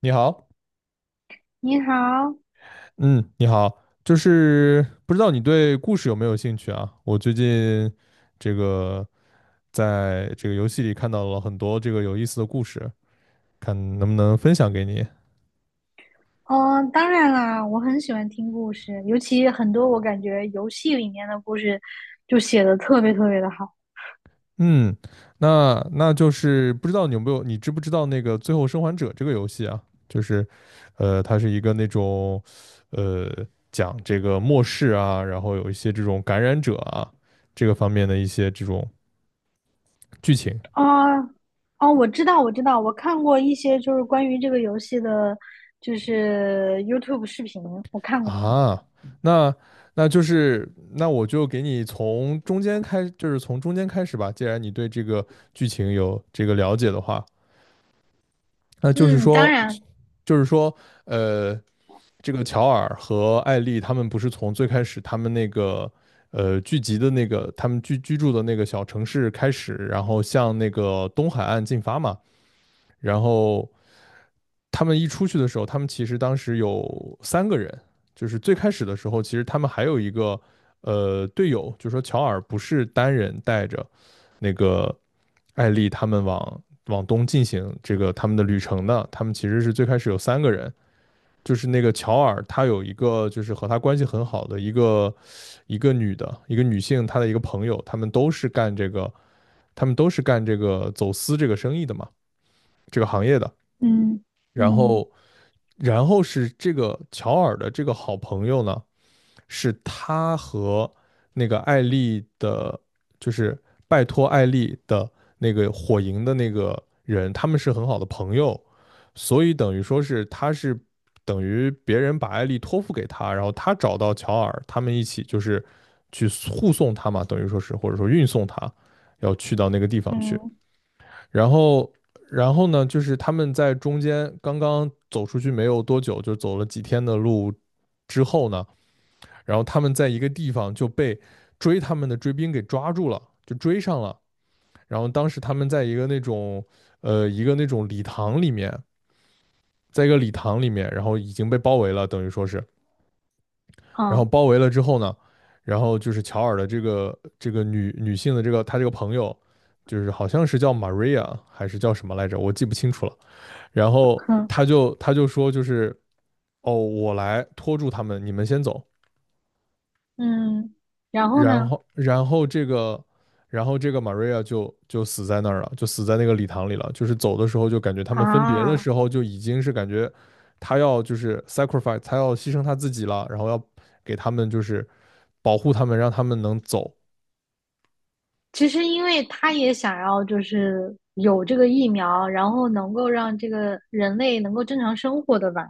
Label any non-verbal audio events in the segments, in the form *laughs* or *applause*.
你好，你好，嗯，你好，就是不知道你对故事有没有兴趣啊？我最近这个在这个游戏里看到了很多这个有意思的故事，看能不能分享给你。当然啦，我很喜欢听故事，尤其很多我感觉游戏里面的故事就写的特别特别的好嗯，那就是不知道你有没有，你知不知道那个《最后生还者》这个游戏啊？就是，它是一个那种，呃，讲这个末世啊，然后有一些这种感染者啊，这个方面的一些这种剧情。啊。哦，我知道，我知道，我看过一些就是关于这个游戏的，就是 YouTube 视频，我看过。啊，那那就是那我就给你从中间开，就是从中间开始吧。既然你对这个剧情有这个了解的话，那就是嗯，当说，然，就是说，呃，这个乔尔和艾丽他们不是从最开始他们那个聚集的那个他们居住的那个小城市开始，然后向那个东海岸进发嘛，然后。他们一出去的时候，他们其实当时有三个人，就是最开始的时候，其实他们还有一个队友，就说乔尔不是单人带着那个艾丽他们往东进行这个他们的旅程的，他们其实是最开始有三个人，就是那个乔尔他有一个就是和他关系很好的一个女的一个女性，她的一个朋友，他们都是干这个走私这个生意的嘛，这个行业的，嗯然嗯后。然后是这个乔尔的这个好朋友呢，是他和那个艾丽的，就是拜托艾丽的那个火营的那个人，他们是很好的朋友，所以等于说是他是等于别人把艾丽托付给他，然后他找到乔尔，他们一起就是去护送他嘛，等于说是或者说运送他要去到那个地方去，嗯，然后，然后呢，就是他们在中间刚刚走出去没有多久，就走了几天的路之后呢，然后他们在一个地方就被追他们的追兵给抓住了，就追上了。然后当时他们在一个那种礼堂里面，在一个礼堂里面，然后已经被包围了，等于说是，然后好，包围了之后呢，然后就是乔尔的这个女性的这个她这个朋友，就是好像是叫 Maria 还是叫什么来着，我记不清楚了。然后哼，他就说就是哦，我来拖住他们，你们先走。嗯，然后然呢？后然后这个然后这个 Maria 就死在那儿了，就死在那个礼堂里了。就是走的时候就感觉他们分别的啊。时候就已经是感觉他要就是 sacrifice，他要牺牲他自己了，然后要给他们就是保护他们，让他们能走。其实因为他也想要就是有这个疫苗，然后能够让这个人类能够正常生活的吧。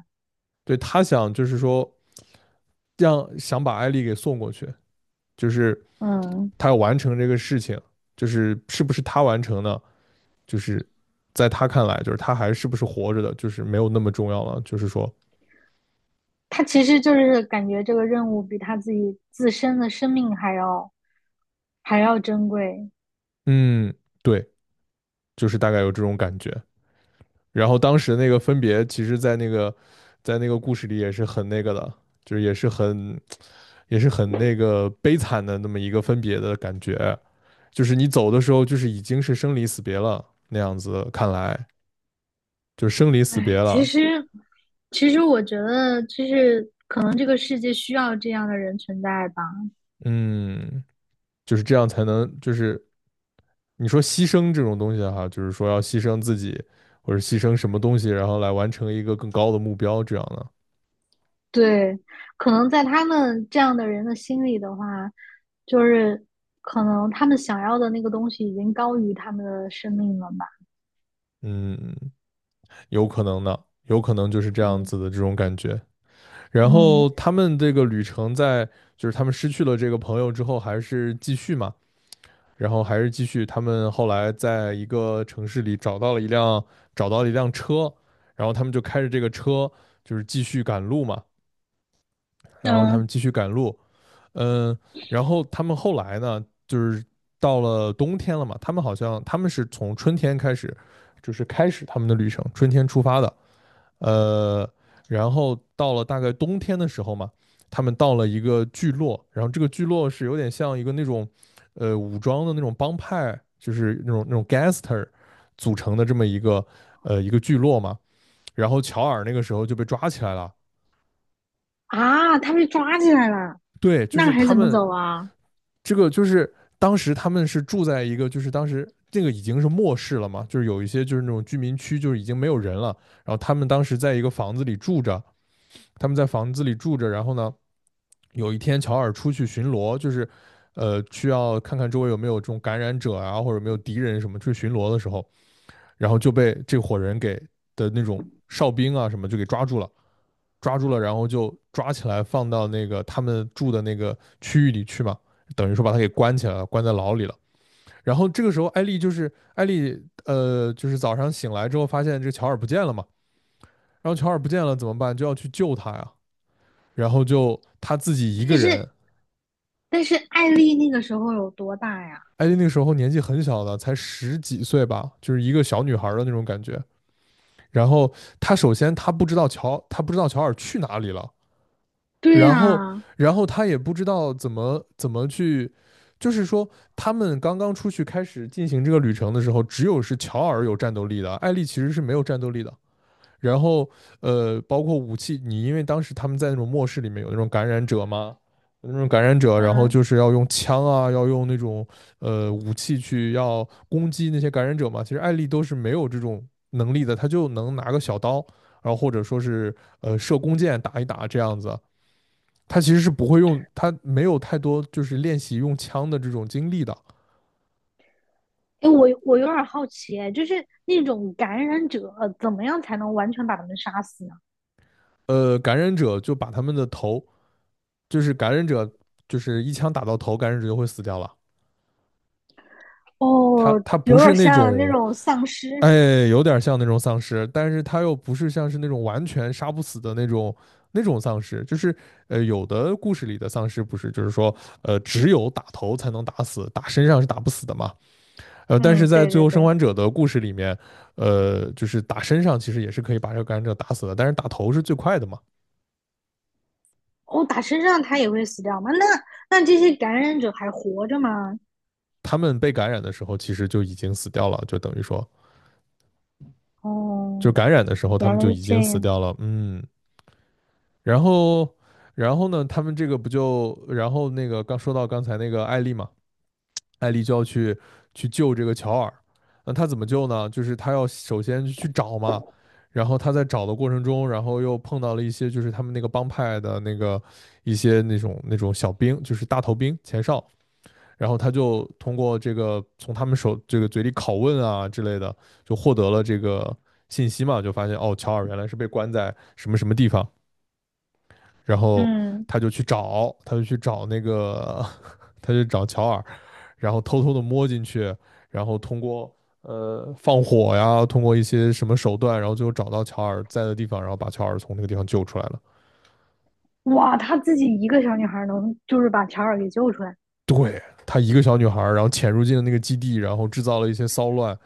对他想就是说让想把艾丽给送过去，就是嗯，他要完成这个事情，就是是不是他完成呢？就是在他看来，就是他还是不是活着的，就是没有那么重要了。就是说，他其实就是感觉这个任务比他自己自身的生命还要还要珍贵。嗯，对，就是大概有这种感觉。然后当时那个分别，其实，在那个故事里也是很那个的，就是也是很那个悲惨的那么一个分别的感觉。就是你走的时候，就是已经是生离死别了那样子，看来就是生离死别哎，其了。实其实我觉得就是可能这个世界需要这样的人存在吧。嗯，就是这样才能就是你说牺牲这种东西哈，就是说要牺牲自己或者牺牲什么东西，然后来完成一个更高的目标，这样的，对，可能在他们这样的人的心里的话，就是可能他们想要的那个东西已经高于他们的生命了吧？嗯，有可能的，有可能就是这样嗯子的这种感觉。然后嗯他们这个旅程在就是他们失去了这个朋友之后，还是继续嘛，然后还是继续。他们后来在一个城市里找到了一辆车，然后他们就开着这个车就是继续赶路嘛，然后他嗯们继续赶路。嗯，然后他们后来呢，就是到了冬天了嘛，他们好像他们是从春天开始，就是开始他们的旅程，春天出发的，呃，然后到了大概冬天的时候嘛，他们到了一个聚落，然后这个聚落是有点像一个那种，武装的那种帮派，就是那种 gangster 组成的这么一个聚落嘛，然后乔尔那个时候就被抓起来了。啊，他被抓起来了，对，就那是还他怎么们走啊？这个就是当时他们是住在一个，就是当时这个已经是末世了嘛，就是有一些就是那种居民区，就是已经没有人了。然后他们当时在一个房子里住着，他们在房子里住着。然后呢，有一天乔尔出去巡逻，就是需要看看周围有没有这种感染者啊，或者有没有敌人什么去巡逻的时候，然后就被这伙人给的那种哨兵啊什么就给抓住了。抓住了，然后就抓起来放到那个他们住的那个区域里去嘛，等于说把他给关起来了，关在牢里了。然后这个时候，艾丽，就是早上醒来之后发现这乔尔不见了嘛，然后乔尔不见了怎么办？就要去救他呀，然后就他自己一个但人。是但是艾丽那个时候有多大呀？艾丽那个时候年纪很小的，才十几岁吧，就是一个小女孩的那种感觉。然后她首先她不知道乔尔去哪里了，对然后，呀，然后他也不知道怎么去，就是说，他们刚刚出去开始进行这个旅程的时候，只有是乔尔有战斗力的，艾丽其实是没有战斗力的。然后，包括武器，你因为当时他们在那种末世里面有那种感染者嘛，有那种感染者，然后嗯，就是要用枪啊，要用那种武器去要攻击那些感染者嘛。其实艾丽都是没有这种能力的，她就能拿个小刀，然后或者说是射弓箭打一打这样子。他其实是不会用，他没有太多就是练习用枪的这种经历的。哎，我有点好奇，哎就是那种感染者怎么样才能完全把他们杀死呢？感染者就把他们的头，就是感染者就是一枪打到头，感染者就会死掉了。他哦，他不有是点那像那种，种丧哎，尸。有点像那种丧尸，但是他又不是像是那种完全杀不死的那种丧尸，就是有的故事里的丧尸不是，就是说只有打头才能打死，打身上是打不死的嘛。但是嗯，在对《最对后生对。还者》的故事里面，就是打身上其实也是可以把这个感染者打死的，但是打头是最快的嘛。哦，打身上他也会死掉吗？那那这些感染者还活着吗？他们被感染的时候其实就已经死掉了，就等于说，就哦，感染的时候他原们来就是已这经死样。掉了。嗯，然后，然后呢，他们这个不就，然后那个刚说到刚才那个艾丽嘛，艾丽就要去救这个乔尔。那他怎么救呢？就是他要首先去找嘛，然后他在找的过程中，然后又碰到了一些就是他们那个帮派的那个一些那种小兵，就是大头兵前哨。然后他就通过这个从他们手这个嘴里拷问啊之类的，就获得了这个信息嘛，就发现哦，乔尔原来是被关在什么什么地方，然后嗯，他就去找，他就去找那个，*laughs* 他就找乔尔，然后偷偷的摸进去，然后通过放火呀，通过一些什么手段，然后最后找到乔尔在的地方，然后把乔尔从那个地方救出来了。哇，她自己一个小女孩儿能就是把乔尔给救出来，对，她一个小女孩，然后潜入进了那个基地，然后制造了一些骚乱，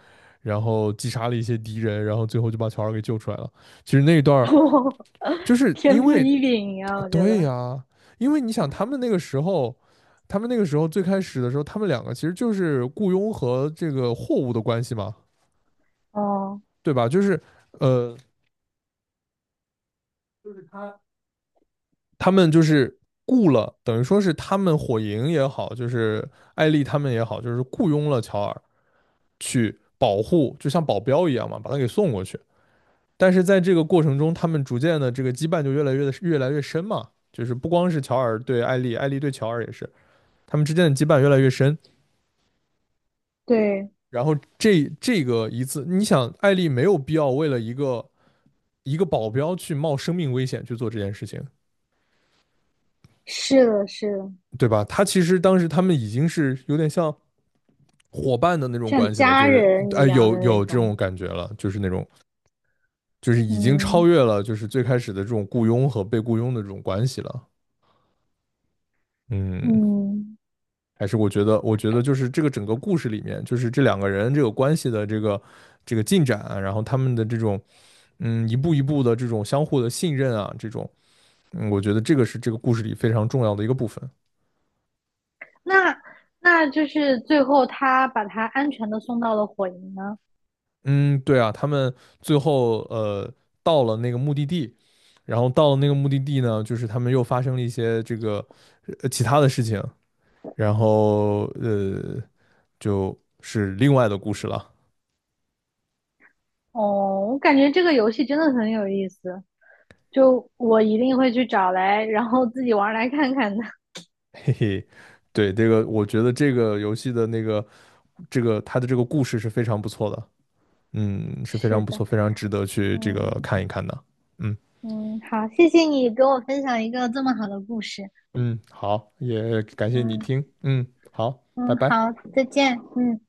然后击杀了一些敌人，然后最后就把乔尔给救出来了。其实那一段 *laughs* 就是天因赋为异禀呀，我觉对得。呀、因为你想他们那个时候。他们那个时候最开始的时候，他们两个其实就是雇佣和这个货物的关系嘛，哦，对吧？就是，呃，他。他们就是雇了，等于说是他们火营也好，就是艾丽他们也好，就是雇佣了乔尔去保护，就像保镖一样嘛，把他给送过去。但是在这个过程中，他们逐渐的这个羁绊就越来越深嘛，就是不光是乔尔对艾丽，艾丽对乔尔也是，他们之间的羁绊越来越深。对，然后这个一次，你想，艾丽没有必要为了一个保镖去冒生命危险去做这件事情，是的，是的，对吧？他其实当时他们已经是有点像伙伴的那种像关系了，就家是哎、人一样有的那有这种种。感觉了，就是那种就是已经超嗯越了就是最开始的这种雇佣和被雇佣的这种关系了。嗯，嗯，还是我觉得就是这个整个故事里面，就是这两个人这个关系的这个进展啊，然后他们的这种一步一步的这种相互的信任啊，这种我觉得这个是这个故事里非常重要的一个部分。那那就是最后他把她安全的送到了火营呢。嗯，对啊，他们最后到了那个目的地，然后到了那个目的地呢，就是他们又发生了一些这个其他的事情，然后就是另外的故事了，哦，我感觉这个游戏真的很有意思。就我一定会去找来，然后自己玩来看看的。*laughs* 嘿嘿。对，这个我觉得这个游戏的那个这个它的这个故事是非常不错的，嗯，是非是常不的，错，非常值得去这个嗯看一看的。嗯嗯，好，谢谢你给我分享一个这么好的故事。嗯，好，也感谢你嗯听，嗯，好，拜嗯，拜。好，再见，嗯。